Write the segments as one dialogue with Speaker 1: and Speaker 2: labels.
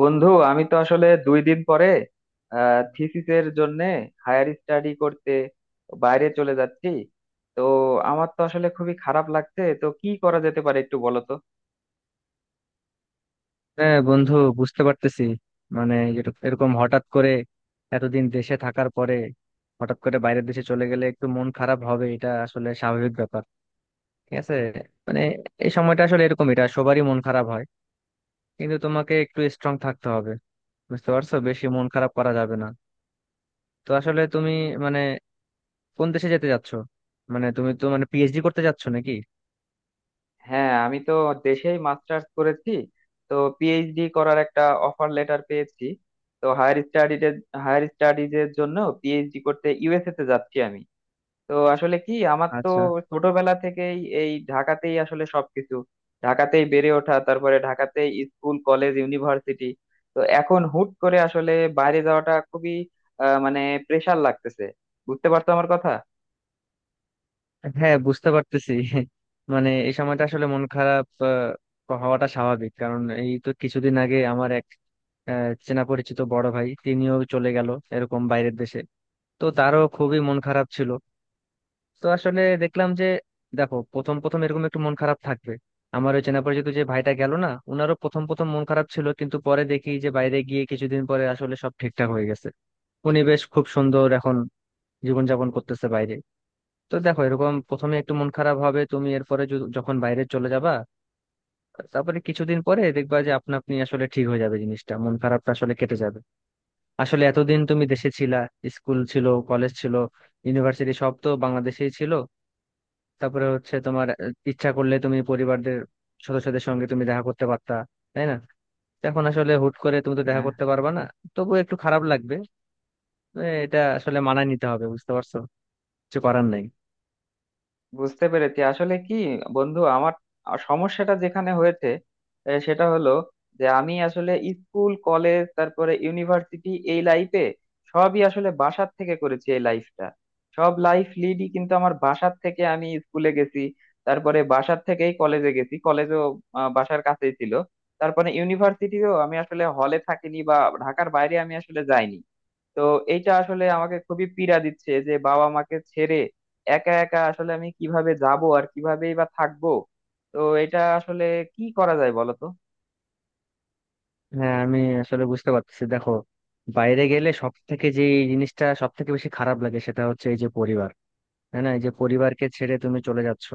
Speaker 1: বন্ধু আমি তো আসলে 2 দিন পরে থিসিসের জন্য হায়ার স্টাডি করতে বাইরে চলে যাচ্ছি। তো আমার তো আসলে খুবই খারাপ লাগছে, তো কি করা যেতে পারে একটু বলো তো?
Speaker 2: হ্যাঁ বন্ধু, বুঝতে পারতেছি। এরকম হঠাৎ করে এতদিন দেশে থাকার পরে হঠাৎ করে বাইরের দেশে চলে গেলে একটু মন খারাপ হবে, এটা আসলে স্বাভাবিক ব্যাপার। ঠিক আছে। মানে এই সময়টা আসলে এরকম, এটা সবারই মন খারাপ হয়, কিন্তু তোমাকে একটু স্ট্রং থাকতে হবে। বুঝতে পারছো, বেশি মন খারাপ করা যাবে না। তো আসলে তুমি মানে কোন দেশে যেতে যাচ্ছো? মানে তুমি তো মানে পিএইচডি করতে যাচ্ছো নাকি?
Speaker 1: হ্যাঁ, আমি তো দেশেই মাস্টার্স করেছি। তো পিএইচডি করার একটা অফার লেটার পেয়েছি। তো হায়ার স্টাডিজের জন্য পিএইচডি করতে ইউএসএ তে যাচ্ছি আমি। তো আসলে কি আমার তো
Speaker 2: আচ্ছা।
Speaker 1: ছোটবেলা থেকেই এই ঢাকাতেই আসলে সবকিছু, ঢাকাতেই বেড়ে ওঠা, তারপরে ঢাকাতেই স্কুল কলেজ ইউনিভার্সিটি। তো এখন হুট করে আসলে বাইরে যাওয়াটা খুবই মানে প্রেশার লাগতেছে। বুঝতে পারছো আমার কথা?
Speaker 2: হ্যাঁ, বুঝতে পারতেছি। মানে এই সময়টা আসলে মন খারাপ হওয়াটা স্বাভাবিক। কারণ এই তো কিছুদিন আগে আমার এক চেনা পরিচিত বড় ভাই, তিনিও চলে গেল এরকম বাইরের দেশে। তো তারও খুবই মন খারাপ ছিল। তো আসলে দেখলাম যে, দেখো প্রথম প্রথম এরকম একটু মন খারাপ থাকবে। আমার ওই চেনা পরিচিত যে ভাইটা গেল না, উনারও প্রথম প্রথম মন খারাপ ছিল, কিন্তু পরে দেখি যে বাইরে গিয়ে কিছুদিন পরে আসলে সব ঠিকঠাক হয়ে গেছে। উনি বেশ খুব সুন্দর এখন জীবনযাপন করতেছে বাইরে। তো দেখো এরকম প্রথমে একটু মন খারাপ হবে তুমি, এরপরে যখন বাইরে চলে যাবা, তারপরে কিছুদিন পরে দেখবা যে আপনা আপনি আসলে ঠিক হয়ে যাবে জিনিসটা, মন খারাপটা আসলে কেটে যাবে। আসলে এতদিন তুমি দেশে ছিলা, স্কুল ছিল, কলেজ ছিল, ইউনিভার্সিটি সব তো বাংলাদেশেই ছিল। তারপরে হচ্ছে তোমার ইচ্ছা করলে তুমি পরিবারদের সদস্যদের সঙ্গে তুমি দেখা করতে পারতা, তাই না? তো এখন আসলে হুট করে তুমি তো দেখা
Speaker 1: হ্যাঁ,
Speaker 2: করতে পারবা না, তবুও একটু খারাপ লাগবে। এটা আসলে মানায় নিতে হবে, বুঝতে পারছো, কিছু করার নাই।
Speaker 1: বুঝতে পেরেছি আসলে কি বন্ধু, আমার সমস্যাটা যেখানে হয়েছে সেটা হলো যে আমি আসলে স্কুল কলেজ তারপরে ইউনিভার্সিটি এই লাইফে সবই আসলে বাসার থেকে করেছি। এই লাইফটা, সব লাইফ লিডই কিন্তু আমার বাসার থেকে, আমি স্কুলে গেছি, তারপরে বাসার থেকেই কলেজে গেছি। কলেজও বাসার কাছেই ছিল। তারপরে ইউনিভার্সিটিও আমি আসলে হলে থাকিনি বা ঢাকার বাইরে আমি আসলে যাইনি। তো এইটা আসলে আমাকে খুবই পীড়া দিচ্ছে যে বাবা মাকে ছেড়ে একা একা আসলে আমি কিভাবে যাব আর কিভাবেই বা থাকবো? তো এটা আসলে কি করা যায় বলো তো?
Speaker 2: হ্যাঁ, আমি আসলে বুঝতে পারতেছি। দেখো বাইরে গেলে সব থেকে যে এই জিনিসটা সব থেকে বেশি খারাপ লাগে সেটা হচ্ছে এই যে পরিবার। হ্যাঁ না, এই যে পরিবারকে ছেড়ে তুমি চলে যাচ্ছ,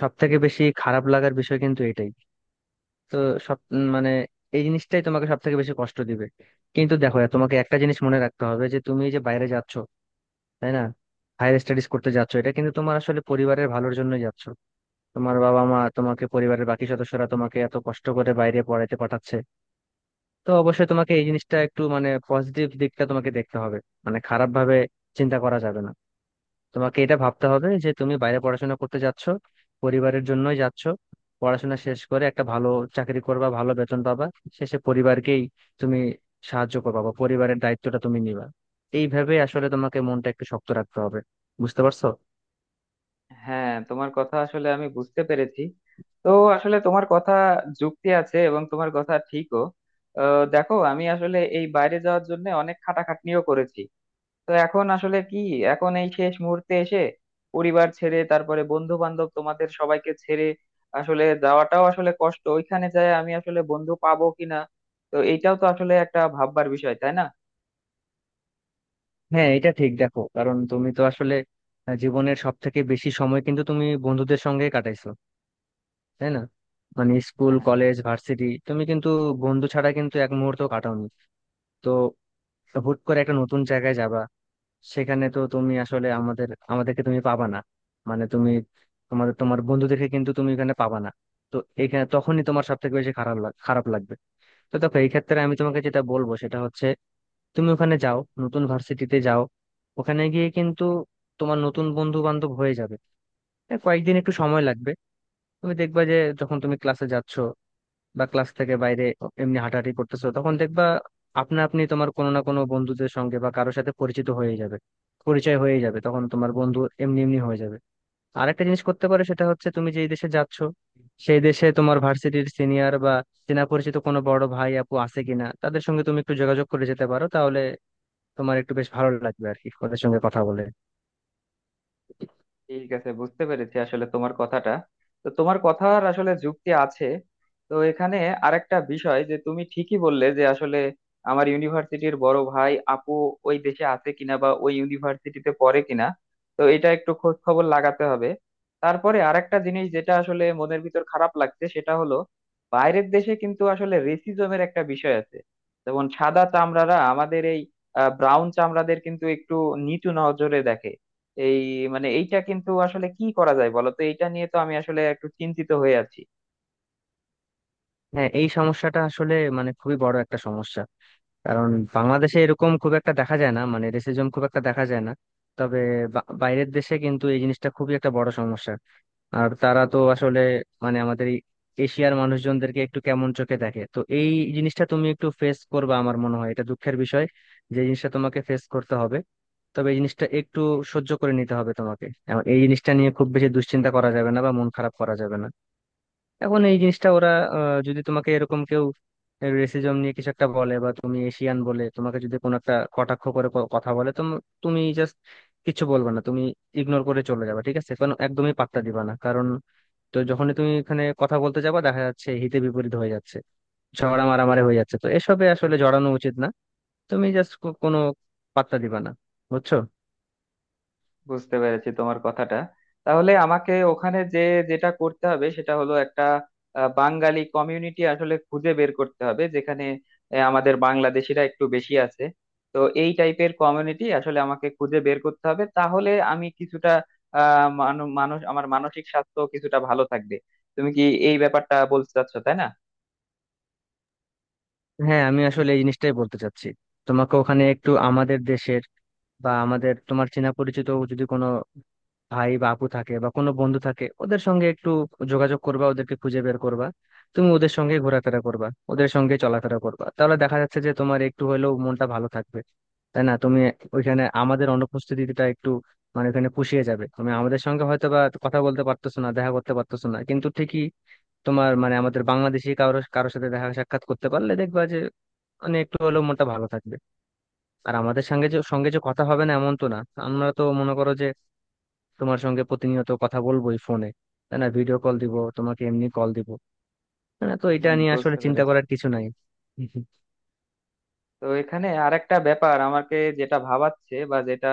Speaker 2: সব থেকে বেশি খারাপ লাগার বিষয় কিন্তু এটাই। তো সব মানে এই জিনিসটাই তোমাকে সব থেকে বেশি কষ্ট দিবে। কিন্তু দেখো তোমাকে একটা জিনিস মনে রাখতে হবে যে তুমি এই যে বাইরে যাচ্ছ, তাই না, হায়ার স্টাডিজ করতে যাচ্ছ, এটা কিন্তু তোমার আসলে পরিবারের ভালোর জন্যই যাচ্ছ। তোমার বাবা মা তোমাকে, পরিবারের বাকি সদস্যরা তোমাকে এত কষ্ট করে বাইরে পড়াতে পাঠাচ্ছে। তো অবশ্যই তোমাকে এই জিনিসটা একটু মানে পজিটিভ দিকটা তোমাকে দেখতে হবে। মানে খারাপ ভাবে চিন্তা করা যাবে না। তোমাকে এটা ভাবতে হবে যে তুমি বাইরে পড়াশোনা করতে যাচ্ছ, পরিবারের জন্যই যাচ্ছ। পড়াশোনা শেষ করে একটা ভালো চাকরি করবা, ভালো বেতন পাবা, শেষে পরিবারকেই তুমি সাহায্য করবা বা পরিবারের দায়িত্বটা তুমি নিবা। এইভাবে আসলে তোমাকে মনটা একটু শক্ত রাখতে হবে, বুঝতে পারছো।
Speaker 1: হ্যাঁ, তোমার কথা আসলে আমি বুঝতে পেরেছি। তো আসলে তোমার কথা যুক্তি আছে এবং তোমার কথা ঠিকও। দেখো আমি আসলে এই বাইরে যাওয়ার জন্য অনেক খাটাখাটনিও করেছি। তো এখন আসলে কি, এখন এই শেষ মুহূর্তে এসে পরিবার ছেড়ে তারপরে বন্ধু বান্ধব তোমাদের সবাইকে ছেড়ে আসলে যাওয়াটাও আসলে কষ্ট। ওইখানে যায় আমি আসলে বন্ধু পাবো কিনা, তো এইটাও তো আসলে একটা ভাববার বিষয়, তাই না?
Speaker 2: হ্যাঁ এটা ঠিক। দেখো কারণ তুমি তো আসলে জীবনের সব থেকে বেশি সময় কিন্তু তুমি বন্ধুদের সঙ্গে কাটাইছো, তাই না? মানে স্কুল
Speaker 1: হ্যাঁ।
Speaker 2: কলেজ ভার্সিটি তুমি কিন্তু বন্ধু ছাড়া কিন্তু এক মুহূর্ত কাটাওনি। তো হুট করে একটা নতুন জায়গায় যাবা, সেখানে তো তুমি আসলে আমাদেরকে তুমি পাবা না। মানে তুমি তোমার বন্ধুদেরকে কিন্তু তুমি এখানে পাবা না। তো এখানে তখনই তোমার সব থেকে বেশি খারাপ লাগবে। তো দেখো এই ক্ষেত্রে আমি তোমাকে যেটা বলবো সেটা হচ্ছে, তুমি ওখানে যাও, নতুন ভার্সিটিতে যাও, ওখানে গিয়ে কিন্তু তোমার নতুন বন্ধু বান্ধব হয়ে যাবে। হ্যাঁ, কয়েকদিন একটু সময় লাগবে। তুমি দেখবা যে যখন তুমি ক্লাসে যাচ্ছ বা ক্লাস থেকে বাইরে এমনি হাঁটাহাঁটি করতেছো তখন দেখবা আপনা আপনি তোমার কোনো না কোনো বন্ধুদের সঙ্গে বা কারোর সাথে পরিচিত হয়ে যাবে, পরিচয় হয়ে যাবে, তখন তোমার বন্ধু এমনি এমনি হয়ে যাবে। আরেকটা জিনিস করতে পারো সেটা হচ্ছে তুমি যেই দেশে যাচ্ছ সেই দেশে তোমার ভার্সিটির সিনিয়র বা চেনা পরিচিত কোনো বড় ভাই আপু আছে কিনা, তাদের সঙ্গে তুমি একটু যোগাযোগ করে যেতে পারো, তাহলে তোমার একটু বেশ ভালো লাগবে আর কি, ওদের সঙ্গে কথা বলে।
Speaker 1: ঠিক আছে, বুঝতে পেরেছি আসলে তোমার কথাটা। তো তোমার কথার আসলে যুক্তি আছে। তো এখানে আরেকটা বিষয় যে তুমি ঠিকই বললে যে আসলে আমার ইউনিভার্সিটির বড় ভাই আপু ওই দেশে আছে কিনা বা ওই ইউনিভার্সিটিতে পড়ে কিনা। তো এটা একটু খোঁজ খবর লাগাতে হবে। তারপরে আরেকটা জিনিস যেটা আসলে মনের ভিতর খারাপ লাগছে সেটা হলো, বাইরের দেশে কিন্তু আসলে রেসিজমের একটা বিষয় আছে। যেমন সাদা চামড়ারা আমাদের এই ব্রাউন চামড়াদের কিন্তু একটু নিচু নজরে দেখে। এই মানে এইটা কিন্তু আসলে কি করা যায় বলো তো, এইটা নিয়ে তো আমি আসলে একটু চিন্তিত হয়ে আছি।
Speaker 2: হ্যাঁ এই সমস্যাটা আসলে মানে খুবই বড় একটা সমস্যা। কারণ বাংলাদেশে এরকম খুব একটা দেখা যায় না, মানে রেসিজম খুব একটা দেখা যায় না। তবে বাইরের দেশে কিন্তু এই জিনিসটা খুবই একটা বড় সমস্যা। আর তারা তো আসলে মানে আমাদের এই এশিয়ার মানুষজনদেরকে একটু কেমন চোখে দেখে। তো এই জিনিসটা তুমি একটু ফেস করবে আমার মনে হয়, এটা দুঃখের বিষয় যে এই জিনিসটা তোমাকে ফেস করতে হবে। তবে এই জিনিসটা একটু সহ্য করে নিতে হবে তোমাকে। এখন এই জিনিসটা নিয়ে খুব বেশি দুশ্চিন্তা করা যাবে না বা মন খারাপ করা যাবে না। এখন এই জিনিসটা ওরা যদি তোমাকে এরকম কেউ রেসিজম নিয়ে কিছু একটা বলে বা তুমি এশিয়ান বলে তোমাকে যদি কোনো একটা কটাক্ষ করে কথা বলে, তো তুমি জাস্ট কিছু বলবে না, তুমি ইগনোর করে চলে যাবে। ঠিক আছে, কারণ একদমই পাত্তা দিবা না। কারণ তো যখনই তুমি এখানে কথা বলতে যাবা দেখা যাচ্ছে হিতে বিপরীত হয়ে যাচ্ছে, ঝগড়া মারামারি হয়ে যাচ্ছে। তো এসবে আসলে জড়ানো উচিত না, তুমি জাস্ট কোনো পাত্তা দিবা না, বুঝছো।
Speaker 1: বুঝতে পেরেছি তোমার কথাটা। তাহলে আমাকে ওখানে যে যেটা করতে হবে সেটা হলো একটা বাঙালি কমিউনিটি আসলে খুঁজে বের করতে হবে যেখানে আমাদের বাংলাদেশিরা একটু বেশি আছে। তো এই টাইপের কমিউনিটি আসলে আমাকে খুঁজে বের করতে হবে, তাহলে আমি কিছুটা মানুষ, আমার মানসিক স্বাস্থ্য কিছুটা ভালো থাকবে। তুমি কি এই ব্যাপারটা বলতে চাচ্ছো, তাই না?
Speaker 2: হ্যাঁ আমি আসলে এই জিনিসটাই বলতে চাচ্ছি। তোমাকে ওখানে একটু আমাদের দেশের বা আমাদের তোমার চেনা পরিচিত যদি কোনো ভাই বা আপু থাকে বা কোনো বন্ধু থাকে, ওদের সঙ্গে একটু যোগাযোগ করবা, ওদেরকে খুঁজে বের করবা। তুমি ওদের সঙ্গে ঘোরাফেরা করবা, ওদের সঙ্গে চলাফেরা করবা, তাহলে দেখা যাচ্ছে যে তোমার একটু হলেও মনটা ভালো থাকবে, তাই না? তুমি ওইখানে আমাদের অনুপস্থিতিটা একটু মানে ওখানে পুষিয়ে যাবে। তুমি আমাদের সঙ্গে হয়তো বা কথা বলতে পারতেছো না, দেখা করতে পারতেছো না, কিন্তু ঠিকই তোমার মানে আমাদের বাংলাদেশি কারোর কারোর সাথে দেখা সাক্ষাৎ করতে পারলে দেখবা যে মানে একটু হলেও মনটা ভালো থাকবে। আর আমাদের সঙ্গে যে কথা হবে না এমন তো না। আমরা তো মনে করো যে তোমার সঙ্গে প্রতিনিয়ত কথা বলবোই ফোনে, তাই না, ভিডিও কল দিব তোমাকে, এমনি কল দিব, তাই না? তো এটা
Speaker 1: হুম,
Speaker 2: নিয়ে আসলে
Speaker 1: বুঝতে
Speaker 2: চিন্তা
Speaker 1: পেরেছি।
Speaker 2: করার কিছু নাই।
Speaker 1: তো এখানে আরেকটা ব্যাপার আমাকে যেটা ভাবাচ্ছে বা যেটা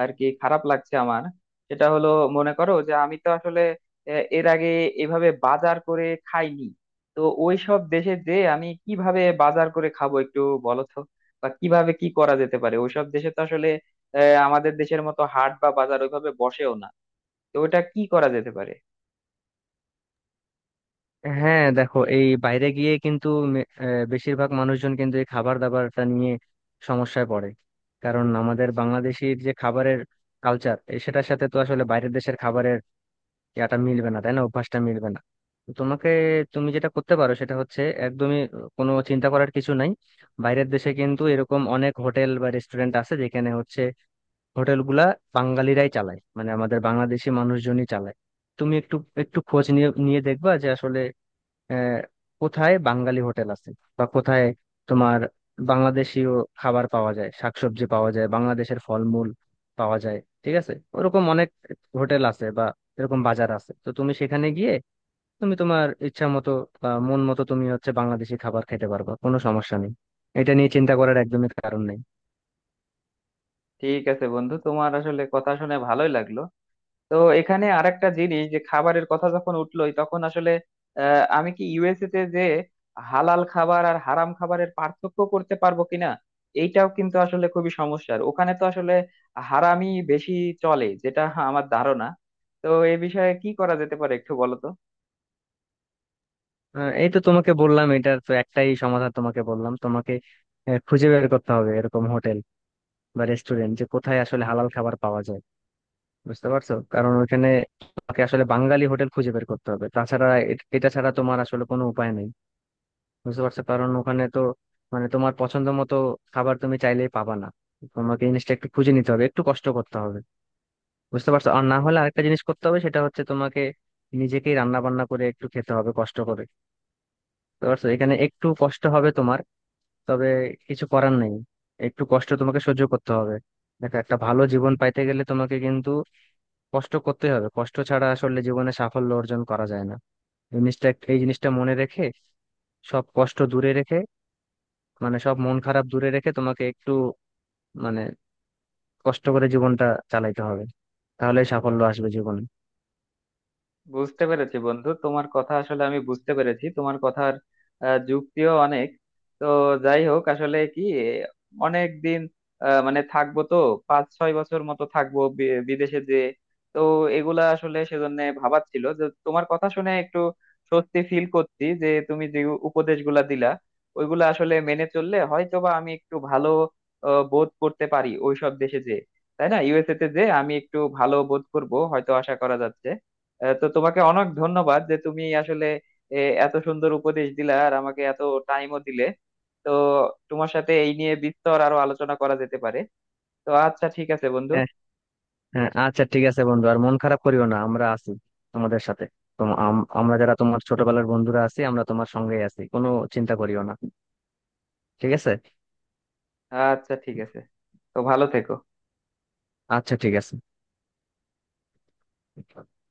Speaker 1: আর কি খারাপ লাগছে আমার, সেটা হলো মনে করো যে আমি তো আসলে এর আগে এভাবে বাজার করে খাইনি। তো ওই সব দেশে যে আমি কিভাবে বাজার করে খাবো একটু বলো তো? বা কিভাবে কি করা যেতে পারে, ওইসব দেশে তো আসলে আমাদের দেশের মতো হাট বা বাজার ওইভাবে বসেও না। তো ওটা কি করা যেতে পারে?
Speaker 2: হ্যাঁ দেখো এই বাইরে গিয়ে কিন্তু বেশিরভাগ মানুষজন কিন্তু এই খাবার দাবারটা নিয়ে সমস্যায় পড়ে। কারণ আমাদের বাংলাদেশির যে খাবারের কালচার, সেটার সাথে তো আসলে বাইরের দেশের খাবারের ইয়াটা মিলবে না, তাই না, অভ্যাসটা মিলবে না। তো তোমাকে, তুমি যেটা করতে পারো সেটা হচ্ছে একদমই কোনো চিন্তা করার কিছু নাই। বাইরের দেশে কিন্তু এরকম অনেক হোটেল বা রেস্টুরেন্ট আছে যেখানে হচ্ছে হোটেল গুলা বাঙালিরাই চালায়, মানে আমাদের বাংলাদেশি মানুষজনই চালায়। তুমি একটু একটু খোঁজ নিয়ে নিয়ে দেখবা যে আসলে আহ, কোথায় বাঙালি হোটেল আছে বা কোথায় তোমার বাংলাদেশীয় খাবার পাওয়া যায়, শাকসবজি পাওয়া যায়, বাংলাদেশের ফলমূল পাওয়া যায়। ঠিক আছে, ওরকম অনেক হোটেল আছে বা এরকম বাজার আছে। তো তুমি সেখানে গিয়ে তুমি তোমার ইচ্ছা মতো বা মন মতো তুমি হচ্ছে বাংলাদেশি খাবার খেতে পারবা, কোনো সমস্যা নেই। এটা নিয়ে চিন্তা করার একদমই কারণ নেই।
Speaker 1: ঠিক আছে বন্ধু, তোমার আসলে কথা শুনে ভালোই লাগলো। তো এখানে আরেকটা জিনিস, যে খাবারের কথা যখন উঠলোই তখন আসলে আমি কি ইউএসএ তে যে হালাল খাবার আর হারাম খাবারের পার্থক্য করতে পারবো কিনা? এইটাও কিন্তু আসলে খুবই সমস্যার, ওখানে তো আসলে হারামই বেশি চলে যেটা আমার ধারণা। তো এই বিষয়ে কি করা যেতে পারে একটু বলো তো?
Speaker 2: এই তো তোমাকে বললাম, এটার তো একটাই সমাধান তোমাকে বললাম, তোমাকে খুঁজে বের করতে হবে এরকম হোটেল বা রেস্টুরেন্ট যে কোথায় আসলে হালাল খাবার পাওয়া যায়। বুঝতে পারছো, কারণ ওইখানে তোমাকে আসলে বাঙালি হোটেল খুঁজে বের করতে হবে, তাছাড়া এটা ছাড়া তোমার আসলে কোনো উপায় নেই। বুঝতে পারছো, কারণ ওখানে তো মানে তোমার পছন্দ মতো খাবার তুমি চাইলেই পাবা না। তোমাকে জিনিসটা একটু খুঁজে নিতে হবে, একটু কষ্ট করতে হবে, বুঝতে পারছো। আর না হলে আরেকটা জিনিস করতে হবে সেটা হচ্ছে তোমাকে নিজেকেই রান্না বান্না করে একটু খেতে হবে কষ্ট করে। বুঝতে পারছো, এখানে একটু কষ্ট হবে তোমার, তবে কিছু করার নেই, একটু কষ্ট তোমাকে সহ্য করতে হবে। দেখো একটা ভালো জীবন পাইতে গেলে তোমাকে কিন্তু কষ্ট করতে হবে, কষ্ট ছাড়া আসলে জীবনে সাফল্য অর্জন করা যায় না। জিনিসটা, এই জিনিসটা মনে রেখে সব কষ্ট দূরে রেখে মানে সব মন খারাপ দূরে রেখে তোমাকে একটু মানে কষ্ট করে জীবনটা চালাইতে হবে, তাহলে সাফল্য আসবে জীবনে।
Speaker 1: বুঝতে পেরেছি বন্ধু, তোমার কথা আসলে আমি বুঝতে পেরেছি, তোমার কথার যুক্তিও অনেক। তো যাই হোক আসলে কি অনেক দিন মানে থাকবো তো, 5-6 বছর মতো থাকবো বিদেশে যে। তো এগুলা আসলে সেজন্য ভাবাচ্ছিল, যে তোমার কথা শুনে একটু স্বস্তি ফিল করছি যে তুমি যে উপদেশগুলা দিলা, ওইগুলা আসলে মেনে চললে হয়তো বা আমি একটু ভালো বোধ করতে পারি ওইসব দেশে যে, তাই না? ইউএসএ তে যে আমি একটু ভালো বোধ করব হয়তো, আশা করা যাচ্ছে। তো তোমাকে অনেক ধন্যবাদ যে তুমি আসলে এ, এত সুন্দর উপদেশ দিলা আর আমাকে এত টাইমও দিলে। তো তোমার সাথে এই নিয়ে বিস্তর আরো আলোচনা করা যেতে পারে। তো আচ্ছা ঠিক আছে বন্ধু।
Speaker 2: হ্যাঁ। হ্যাঁ আচ্ছা ঠিক আছে বন্ধু, আর মন খারাপ করিও না, আমরা আছি তোমাদের সাথে। আমরা যারা তোমার ছোটবেলার বন্ধুরা আছি আমরা তোমার সঙ্গেই আছি, কোনো চিন্তা করিও না, ঠিক আছে।
Speaker 1: আচ্ছা ঠিক আছে, তো ভালো থেকো।
Speaker 2: আচ্ছা ঠিক আছে।